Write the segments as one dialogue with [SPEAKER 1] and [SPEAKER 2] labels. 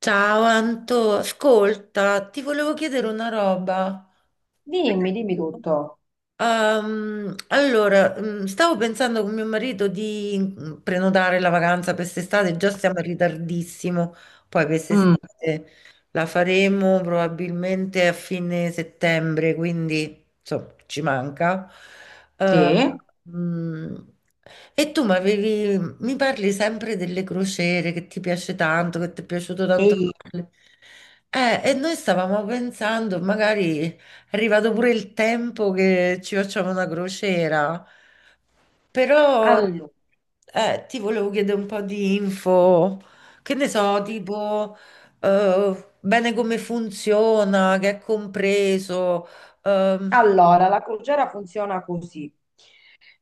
[SPEAKER 1] Ciao Anto, ascolta, ti volevo chiedere una roba.
[SPEAKER 2] Dimmi, dimmi tutto.
[SPEAKER 1] Stavo pensando con mio marito di prenotare la vacanza per quest'estate, già siamo in ritardissimo, poi per
[SPEAKER 2] Mm,
[SPEAKER 1] quest'estate la faremo probabilmente a fine settembre, quindi insomma ci manca. Eh,
[SPEAKER 2] sì.
[SPEAKER 1] mm, e tu mi parli sempre delle crociere che ti piace tanto, che ti è piaciuto tanto.
[SPEAKER 2] Devi-
[SPEAKER 1] Farle. E noi stavamo pensando, magari è arrivato pure il tempo che ci facciamo una crociera, però
[SPEAKER 2] allo-
[SPEAKER 1] ti volevo chiedere un po' di info, che ne so, tipo bene come funziona, che è compreso, ehm,
[SPEAKER 2] Allora, la crociera funziona così.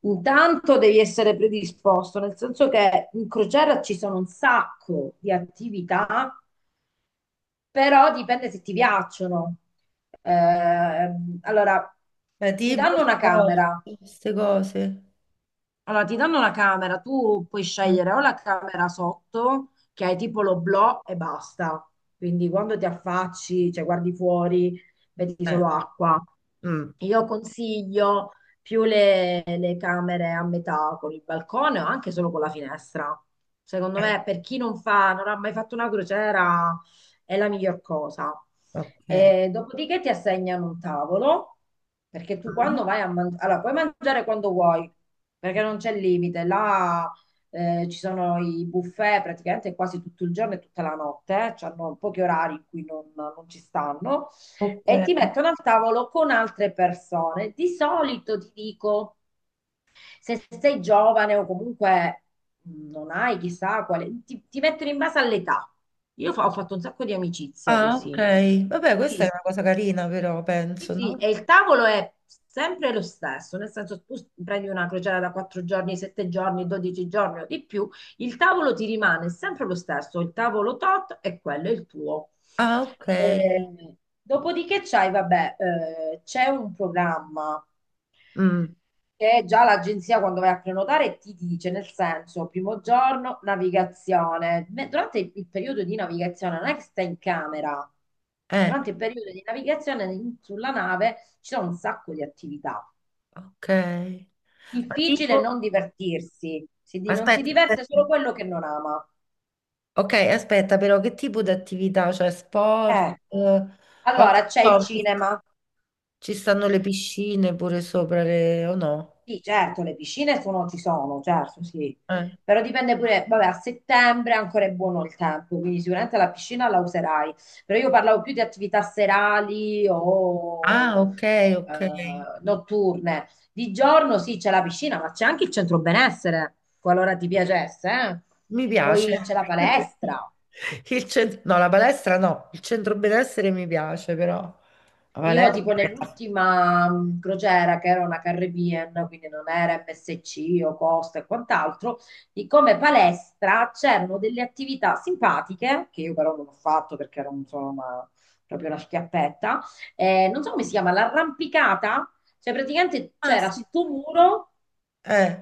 [SPEAKER 2] Intanto devi essere predisposto, nel senso che in crociera ci sono un sacco di attività, però dipende se ti piacciono. Allora, ti
[SPEAKER 1] tipo
[SPEAKER 2] danno una camera.
[SPEAKER 1] queste cose.
[SPEAKER 2] Allora, ti danno la camera, tu puoi scegliere o la camera sotto, che hai tipo l'oblò e basta. Quindi quando ti affacci, cioè guardi fuori, vedi
[SPEAKER 1] Eh,
[SPEAKER 2] solo acqua.
[SPEAKER 1] mm,
[SPEAKER 2] Io consiglio più le camere a metà con il balcone o anche solo con la finestra. Secondo
[SPEAKER 1] eh,
[SPEAKER 2] me, per chi non fa, non ha mai fatto una crociera, è la miglior cosa.
[SPEAKER 1] ok.
[SPEAKER 2] E dopodiché ti assegnano un tavolo, perché tu
[SPEAKER 1] Mm.
[SPEAKER 2] quando vai a mangiare, allora puoi mangiare quando vuoi, perché non c'è limite. Là ci sono i buffet praticamente quasi tutto il giorno e tutta la notte, eh. Hanno pochi orari in cui non ci stanno,
[SPEAKER 1] Ok.
[SPEAKER 2] e ti mettono al tavolo con altre persone. Di solito ti dico, se sei giovane o comunque non hai chissà quale, ti mettono in base all'età. Ho fatto un sacco di amicizie
[SPEAKER 1] Ah, ok.
[SPEAKER 2] così.
[SPEAKER 1] Vabbè, questa è
[SPEAKER 2] Sì.
[SPEAKER 1] una cosa carina, però
[SPEAKER 2] Sì,
[SPEAKER 1] penso,
[SPEAKER 2] sì, e
[SPEAKER 1] no?
[SPEAKER 2] il tavolo è sempre lo stesso, nel senso tu prendi una crociera da 4 giorni, 7 giorni, 12 giorni o di più, il tavolo ti rimane sempre lo stesso, il tavolo tot e quello è il tuo.
[SPEAKER 1] Ah, ok.
[SPEAKER 2] Eh, Dopodiché c'hai, vabbè, c'è un programma
[SPEAKER 1] Mm,
[SPEAKER 2] che già l'agenzia quando vai a prenotare ti dice, nel senso, primo giorno, navigazione. Durante il periodo di navigazione non è che stai in camera,
[SPEAKER 1] eh,
[SPEAKER 2] durante il periodo di navigazione sulla nave ci sono un sacco di attività.
[SPEAKER 1] ok. Ma
[SPEAKER 2] Difficile
[SPEAKER 1] tipo,
[SPEAKER 2] non divertirsi, non si
[SPEAKER 1] aspetta, aspetta.
[SPEAKER 2] diverte solo quello che non ama.
[SPEAKER 1] Ok, aspetta, però che tipo di attività? Cioè, sport?
[SPEAKER 2] Eh,
[SPEAKER 1] Ho-
[SPEAKER 2] allora c'è il
[SPEAKER 1] so, ci sta-
[SPEAKER 2] cinema.
[SPEAKER 1] Ci stanno le piscine pure sopra le o no?
[SPEAKER 2] Sì, certo, ci sono, certo, sì.
[SPEAKER 1] Eh.
[SPEAKER 2] Però dipende pure, vabbè, a settembre ancora è buono il tempo, quindi sicuramente la piscina la userai. Però io parlavo più di attività serali
[SPEAKER 1] Ah,
[SPEAKER 2] o
[SPEAKER 1] ok,
[SPEAKER 2] eh,
[SPEAKER 1] ok.
[SPEAKER 2] notturne. Di giorno sì, c'è la piscina, ma c'è anche il centro benessere, qualora ti piacesse, eh.
[SPEAKER 1] Mi piace.
[SPEAKER 2] Poi c'è la palestra.
[SPEAKER 1] No, la palestra no, il centro benessere mi piace, però la
[SPEAKER 2] Io tipo
[SPEAKER 1] palestra.
[SPEAKER 2] nell'ultima crociera che era una Caribbean, quindi non era MSC o Costa e quant'altro, di come palestra c'erano delle attività simpatiche, che io però non ho fatto perché ero insomma proprio una schiappetta, non so come si chiama, l'arrampicata, cioè praticamente
[SPEAKER 1] Ah,
[SPEAKER 2] c'era
[SPEAKER 1] sì.
[SPEAKER 2] sto muro
[SPEAKER 1] Eh,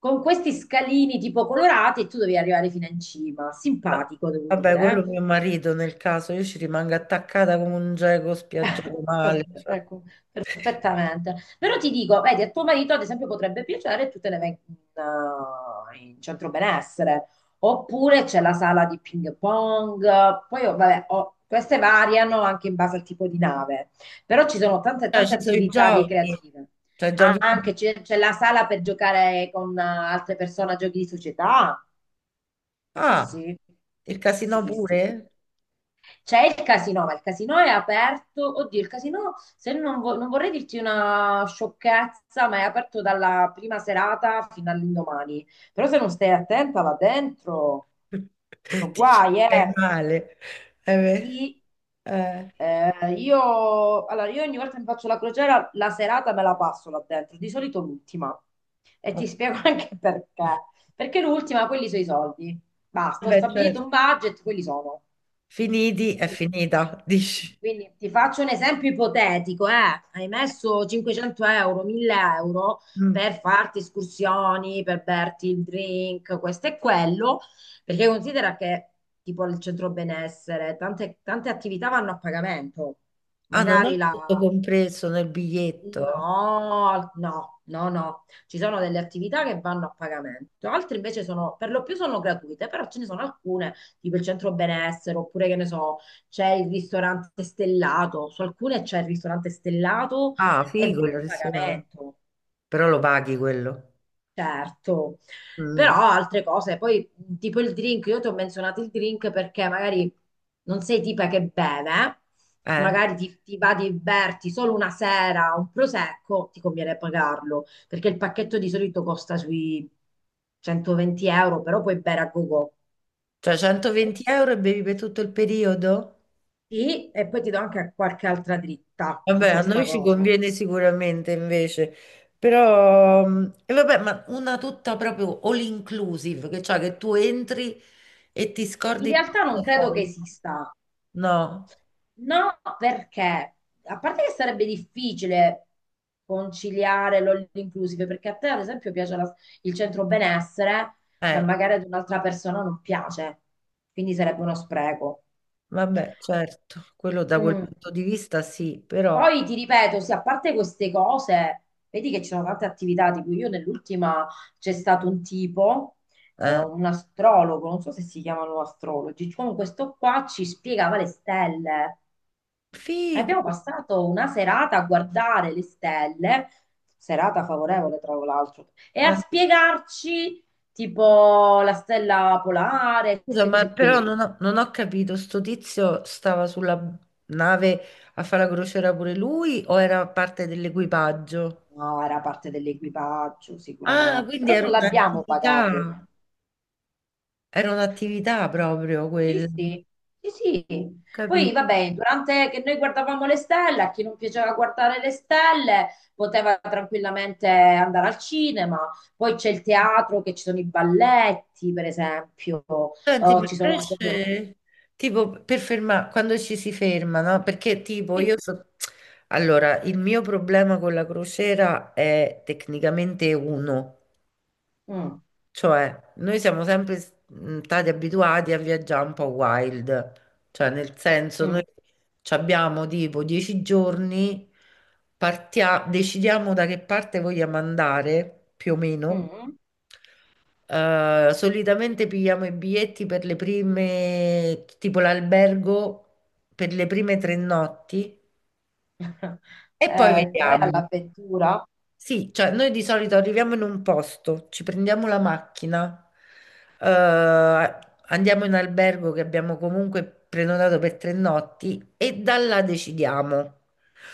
[SPEAKER 2] con questi scalini tipo colorati e tu dovevi arrivare fino in cima, simpatico devo
[SPEAKER 1] vabbè, quello
[SPEAKER 2] dire,
[SPEAKER 1] mio marito nel caso, io ci rimango attaccata come un geco
[SPEAKER 2] eh.
[SPEAKER 1] spiaggiato male.
[SPEAKER 2] Ecco. Esattamente. Però ti dico, vedi, a tuo marito ad esempio potrebbe piacere e tu te ne vai in centro benessere, oppure c'è la sala di ping pong, poi oh, vabbè, oh, queste variano anche in base al tipo di nave, però ci sono tante
[SPEAKER 1] Cioè,
[SPEAKER 2] tante
[SPEAKER 1] ci sono i
[SPEAKER 2] attività
[SPEAKER 1] giochi,
[SPEAKER 2] ricreative.
[SPEAKER 1] cioè giochi.
[SPEAKER 2] Anche c'è la sala per giocare con altre persone a giochi di società. Sì,
[SPEAKER 1] Ah,
[SPEAKER 2] sì,
[SPEAKER 1] il casino
[SPEAKER 2] sì, sì,
[SPEAKER 1] pure?
[SPEAKER 2] c'è il casino, ma il casino è aperto. Oddio, il casino, se non, vo- non vorrei dirti una sciocchezza, ma è aperto dalla prima serata fino all'indomani. Però se non stai attenta là dentro, sono
[SPEAKER 1] Ti ci
[SPEAKER 2] guai,
[SPEAKER 1] fai
[SPEAKER 2] eh.
[SPEAKER 1] male.
[SPEAKER 2] Sì,
[SPEAKER 1] Beh, eh.
[SPEAKER 2] allora, io ogni volta che mi faccio la crociera, la serata me la passo là dentro, di solito l'ultima. E ti spiego anche perché. Perché l'ultima, quelli sono i soldi. Basta, ho
[SPEAKER 1] Vabbè,
[SPEAKER 2] stabilito
[SPEAKER 1] certo.
[SPEAKER 2] un budget, quelli sono.
[SPEAKER 1] Finiti è finita, dici?
[SPEAKER 2] Quindi ti faccio un esempio ipotetico, eh. Hai messo 500 euro, 1000 euro
[SPEAKER 1] Mm.
[SPEAKER 2] per farti escursioni, per berti il drink, questo e quello, perché considera che tipo il centro benessere, tante, tante attività vanno a pagamento,
[SPEAKER 1] Ah, non
[SPEAKER 2] magari
[SPEAKER 1] è
[SPEAKER 2] la.
[SPEAKER 1] tutto compreso nel biglietto?
[SPEAKER 2] No, no, no, no. Ci sono delle attività che vanno a pagamento, altre invece sono, per lo più sono gratuite, però ce ne sono alcune, tipo il centro benessere, oppure che ne so, c'è il ristorante stellato, su alcune c'è il ristorante stellato
[SPEAKER 1] Ah,
[SPEAKER 2] ed
[SPEAKER 1] figo
[SPEAKER 2] è a
[SPEAKER 1] il ristorante.
[SPEAKER 2] pagamento.
[SPEAKER 1] Però lo paghi quello.
[SPEAKER 2] Certo, però
[SPEAKER 1] Mm.
[SPEAKER 2] altre cose, poi tipo il drink, io ti ho menzionato il drink perché magari non sei tipa che beve,
[SPEAKER 1] Eh,
[SPEAKER 2] magari ti va di berti solo una sera un prosecco, ti conviene pagarlo, perché il pacchetto di solito costa sui 120 euro, però puoi bere a gogo.
[SPEAKER 1] cioè 120 euro e bevi per tutto il periodo?
[SPEAKER 2] Sì, e poi ti do anche qualche altra dritta su
[SPEAKER 1] Vabbè, a
[SPEAKER 2] questa
[SPEAKER 1] noi ci
[SPEAKER 2] cosa.
[SPEAKER 1] conviene sicuramente invece, però e vabbè, ma una tutta proprio all inclusive, che cioè che tu entri e ti
[SPEAKER 2] In
[SPEAKER 1] scordi il
[SPEAKER 2] realtà non credo che
[SPEAKER 1] portafoglio.
[SPEAKER 2] esista.
[SPEAKER 1] No,
[SPEAKER 2] No, perché a parte che sarebbe difficile conciliare l'all inclusive, perché a te ad esempio piace il centro benessere, ma
[SPEAKER 1] eh,
[SPEAKER 2] magari ad un'altra persona non piace, quindi sarebbe uno spreco.
[SPEAKER 1] vabbè, certo, quello da quel
[SPEAKER 2] Mm.
[SPEAKER 1] punto di vista sì, però.
[SPEAKER 2] Poi ti ripeto, sì, a parte queste cose, vedi che ci sono tante attività, tipo io nell'ultima c'è stato un tipo,
[SPEAKER 1] Eh,
[SPEAKER 2] un astrologo, non so se si chiamano astrologi, comunque questo qua ci spiegava le stelle. E abbiamo
[SPEAKER 1] figo.
[SPEAKER 2] passato una serata a guardare le stelle, serata favorevole tra l'altro, e a
[SPEAKER 1] Eh,
[SPEAKER 2] spiegarci tipo la stella polare,
[SPEAKER 1] scusa,
[SPEAKER 2] queste
[SPEAKER 1] ma
[SPEAKER 2] cose
[SPEAKER 1] però
[SPEAKER 2] qui.
[SPEAKER 1] non ho capito, sto tizio stava sulla nave a fare la crociera pure lui o era parte dell'equipaggio?
[SPEAKER 2] No, era parte dell'equipaggio
[SPEAKER 1] Ah,
[SPEAKER 2] sicuramente,
[SPEAKER 1] quindi
[SPEAKER 2] però non l'abbiamo pagato.
[SPEAKER 1] era un'attività proprio
[SPEAKER 2] Sì,
[SPEAKER 1] quella, ho
[SPEAKER 2] sì, sì, sì. Poi
[SPEAKER 1] capito?
[SPEAKER 2] vabbè, durante che noi guardavamo le stelle, a chi non piaceva guardare le stelle poteva tranquillamente andare al cinema. Poi c'è il teatro, che ci sono i balletti, per esempio,
[SPEAKER 1] Senti,
[SPEAKER 2] o
[SPEAKER 1] ma
[SPEAKER 2] ci sono proprio.
[SPEAKER 1] invece, tipo, per fermare, quando ci si ferma, no? Perché tipo,
[SPEAKER 2] Sì.
[SPEAKER 1] io so. Allora, il mio problema con la crociera è tecnicamente uno.
[SPEAKER 2] Mm,
[SPEAKER 1] Cioè, noi siamo sempre stati abituati a viaggiare un po' wild, cioè nel senso noi
[SPEAKER 2] mm,
[SPEAKER 1] ci abbiamo tipo 10 giorni, decidiamo da che parte vogliamo andare, più o meno.
[SPEAKER 2] mm.
[SPEAKER 1] Solitamente pigliamo i biglietti per le prime, tipo l'albergo per le prime 3 notti e poi
[SPEAKER 2] Poi
[SPEAKER 1] vediamo.
[SPEAKER 2] all'avventura,
[SPEAKER 1] Sì, cioè noi di solito arriviamo in un posto, ci prendiamo la macchina, eh, andiamo in albergo che abbiamo comunque prenotato per 3 notti e da là decidiamo.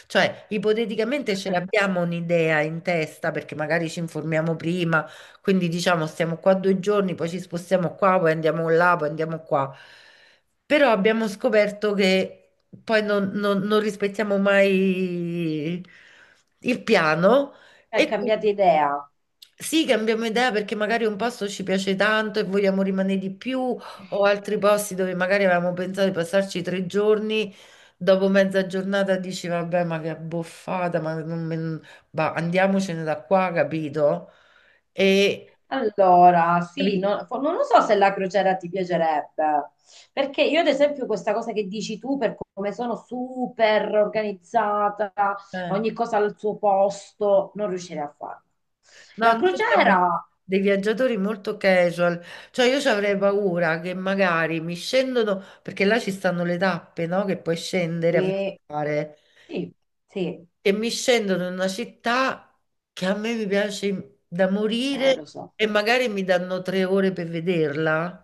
[SPEAKER 1] Cioè, ipoteticamente ce l'abbiamo un'idea in testa perché magari ci informiamo prima, quindi diciamo stiamo qua 2 giorni, poi ci spostiamo qua, poi andiamo là, poi andiamo qua. Però abbiamo scoperto che poi non rispettiamo mai il piano.
[SPEAKER 2] hai
[SPEAKER 1] E quindi
[SPEAKER 2] cambiato idea.
[SPEAKER 1] sì, cambiamo idea perché magari un posto ci piace tanto e vogliamo rimanere di più, o altri posti dove magari avevamo pensato di passarci 3 giorni, dopo mezza giornata dici vabbè, ma che abboffata, ma non me- bah, andiamocene da qua, capito? E
[SPEAKER 2] Allora, sì,
[SPEAKER 1] capi-
[SPEAKER 2] non lo so se la crociera ti piacerebbe, perché io ad esempio questa cosa che dici tu, per come sono super organizzata,
[SPEAKER 1] eh.
[SPEAKER 2] ogni cosa al suo posto, non riuscirei a farla.
[SPEAKER 1] No,
[SPEAKER 2] La
[SPEAKER 1] noi siamo
[SPEAKER 2] crociera,
[SPEAKER 1] dei viaggiatori molto casual, cioè io ci avrei paura che magari mi scendono, perché là ci stanno le tappe, no? Che puoi scendere a
[SPEAKER 2] sì,
[SPEAKER 1] visitare.
[SPEAKER 2] sì, sì,
[SPEAKER 1] E mi scendono in una città che a me mi piace da morire
[SPEAKER 2] lo so.
[SPEAKER 1] e magari mi danno 3 ore per vederla.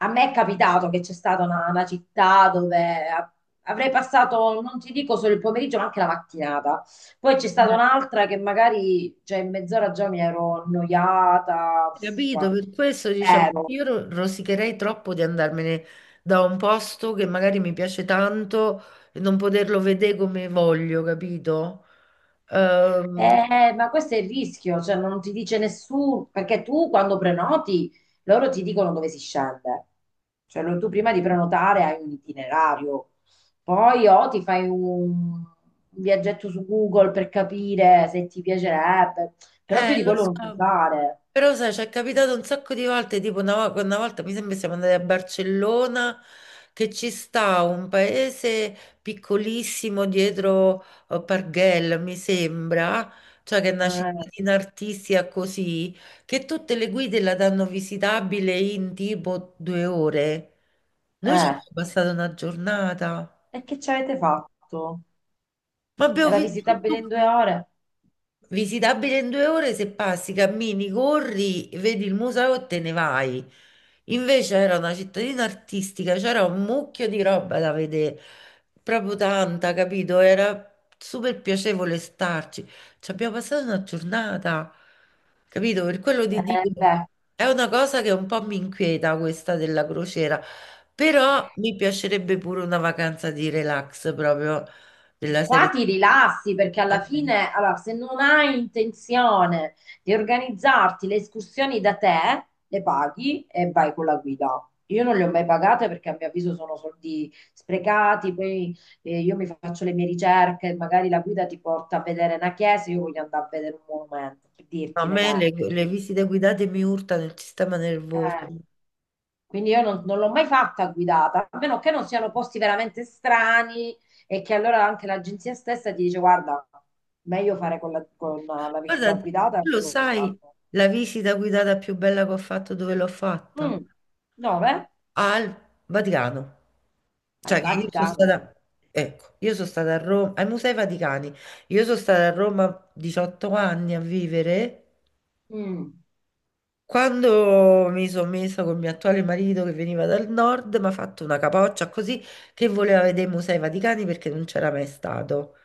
[SPEAKER 2] A me è capitato che c'è stata una città dove avrei passato, non ti dico solo il pomeriggio, ma anche la mattinata. Poi c'è stata
[SPEAKER 1] Eh,
[SPEAKER 2] un'altra che magari, cioè, in mezz'ora già mi ero annoiata, uff,
[SPEAKER 1] Capito? Per questo diciamo,
[SPEAKER 2] ero.
[SPEAKER 1] io rosicherei troppo di andarmene da un posto che magari mi piace tanto e non poterlo vedere come voglio, capito? Ehm,
[SPEAKER 2] Ma questo è il rischio, cioè non ti dice nessuno, perché tu quando prenoti, loro ti dicono dove si scende. Cioè, tu prima di prenotare hai un itinerario, poi o ti fai un viaggetto su Google per capire se ti piacerebbe, però più di
[SPEAKER 1] lo
[SPEAKER 2] quello non puoi
[SPEAKER 1] so.
[SPEAKER 2] fare.
[SPEAKER 1] Però sai, ci è capitato un sacco di volte, tipo una volta mi sembra siamo andati a Barcellona, che ci sta un paese piccolissimo dietro Parguel, mi sembra, cioè che è una
[SPEAKER 2] Eh,
[SPEAKER 1] cittadina artistica così, che tutte le guide la danno visitabile in tipo 2 ore. Noi ci
[SPEAKER 2] eh.
[SPEAKER 1] abbiamo passato una giornata,
[SPEAKER 2] E che ci avete fatto?
[SPEAKER 1] ma abbiamo
[SPEAKER 2] Era
[SPEAKER 1] visto
[SPEAKER 2] visitabile in
[SPEAKER 1] tutto.
[SPEAKER 2] 2 ore?
[SPEAKER 1] Visitabile in 2 ore se passi, cammini, corri, vedi il museo e te ne vai. Invece era una cittadina artistica, c'era un mucchio di roba da vedere, proprio tanta, capito? Era super piacevole starci. Ci abbiamo passato una giornata, capito? Per quello ti dico,
[SPEAKER 2] Beh.
[SPEAKER 1] è una cosa che un po' mi inquieta questa della crociera, però mi piacerebbe pure una vacanza di relax proprio della
[SPEAKER 2] Qua
[SPEAKER 1] serie.
[SPEAKER 2] ti rilassi perché alla fine, allora, se non hai intenzione di organizzarti le escursioni da te, le paghi e vai con la guida. Io non le ho mai pagate perché a mio avviso sono soldi sprecati, poi io mi faccio le mie ricerche, magari la guida ti porta a vedere una chiesa, io voglio andare a vedere un monumento, per
[SPEAKER 1] No, a
[SPEAKER 2] dirti un
[SPEAKER 1] me
[SPEAKER 2] esempio.
[SPEAKER 1] le visite guidate mi urtano il sistema nervoso.
[SPEAKER 2] Eh. Quindi io non l'ho mai fatta guidata, a meno che non siano posti veramente strani e che allora anche l'agenzia stessa ti dice guarda, meglio fare con la
[SPEAKER 1] Guarda,
[SPEAKER 2] visita guidata e
[SPEAKER 1] tu lo
[SPEAKER 2] loro lo
[SPEAKER 1] sai,
[SPEAKER 2] sanno.
[SPEAKER 1] la visita guidata più bella che ho fatto, dove l'ho fatta?
[SPEAKER 2] Mm. Dove?
[SPEAKER 1] Al Vaticano.
[SPEAKER 2] Al
[SPEAKER 1] Cioè, che io sono
[SPEAKER 2] Vaticano.
[SPEAKER 1] stata, ecco, io sono stata a Roma, ai Musei Vaticani. Io sono stata a Roma 18 anni a vivere.
[SPEAKER 2] Mm.
[SPEAKER 1] Quando mi sono messa con il mio attuale marito che veniva dal nord, mi ha fatto una capoccia così che voleva vedere i Musei Vaticani perché non c'era mai stato.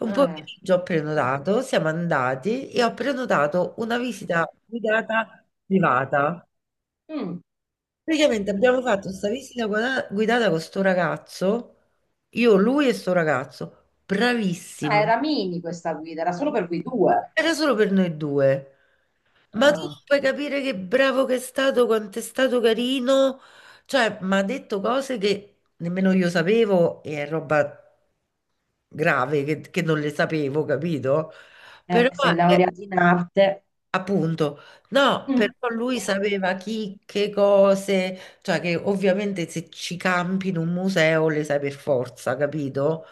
[SPEAKER 1] Un
[SPEAKER 2] Eh.
[SPEAKER 1] pomeriggio ho prenotato, siamo andati e ho prenotato una visita guidata privata.
[SPEAKER 2] Mm.
[SPEAKER 1] Praticamente abbiamo fatto questa guidata con sto ragazzo, io, lui e sto ragazzo,
[SPEAKER 2] Ah,
[SPEAKER 1] bravissimo.
[SPEAKER 2] era mini questa guida, era solo per voi due.
[SPEAKER 1] Era solo per noi due. Ma tu
[SPEAKER 2] Ah.
[SPEAKER 1] non puoi capire che bravo che è stato, quanto è stato carino. Cioè, mi ha detto cose che nemmeno io sapevo e è roba grave che non le sapevo, capito? Però,
[SPEAKER 2] Sei
[SPEAKER 1] eh,
[SPEAKER 2] laureata in arte.
[SPEAKER 1] appunto, no, però
[SPEAKER 2] Mm.
[SPEAKER 1] lui sapeva chi, che cose, cioè che ovviamente se ci campi in un museo le sai per forza, capito?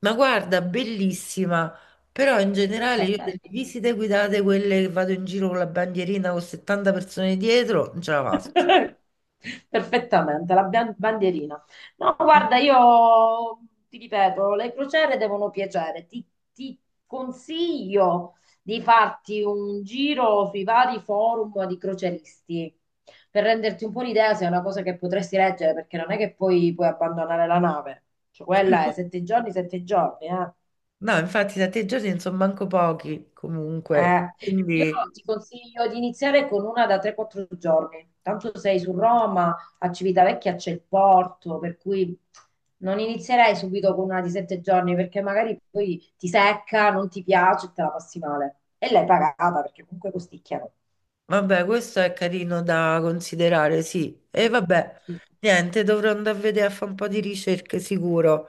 [SPEAKER 1] Ma guarda, bellissima, però in generale io
[SPEAKER 2] Vabbè.
[SPEAKER 1] delle visite guidate, quelle che vado in giro con la bandierina con 70 persone dietro, non ce la faccio.
[SPEAKER 2] Perfettamente, la bandierina. No, guarda, io ti ripeto, le crociere devono piacere. Ti consiglio di farti un giro sui vari forum di croceristi per renderti un po' l'idea se è una cosa che potresti leggere, perché non è che poi puoi abbandonare la nave. Cioè, quella è 7 giorni, 7 giorni, eh.
[SPEAKER 1] No, infatti da te giorni non sono manco pochi comunque,
[SPEAKER 2] Eh, io
[SPEAKER 1] quindi
[SPEAKER 2] ti consiglio di iniziare con una da 3-4 giorni. Tanto sei su Roma, a Civitavecchia c'è il porto, per cui non inizierei subito con una di 7 giorni perché magari poi ti secca, non ti piace e te la passi male. E l'hai pagata perché comunque costicchiano.
[SPEAKER 1] vabbè, questo è carino da considerare, sì. E vabbè,
[SPEAKER 2] Sì,
[SPEAKER 1] niente, dovrò andare a vedere a fare un po' di ricerche sicuro,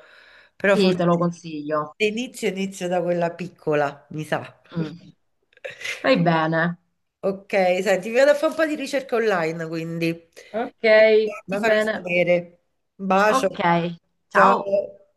[SPEAKER 1] però
[SPEAKER 2] sì,
[SPEAKER 1] forse
[SPEAKER 2] te lo
[SPEAKER 1] sì.
[SPEAKER 2] consiglio.
[SPEAKER 1] Se inizio da quella piccola, mi sa.
[SPEAKER 2] Mm. Fai bene.
[SPEAKER 1] Ok, senti, vado a fare un po' di ricerca online, quindi.
[SPEAKER 2] Ok,
[SPEAKER 1] E ti
[SPEAKER 2] va
[SPEAKER 1] farò
[SPEAKER 2] bene.
[SPEAKER 1] sapere. Un bacio.
[SPEAKER 2] Ok, ciao.
[SPEAKER 1] Ciao.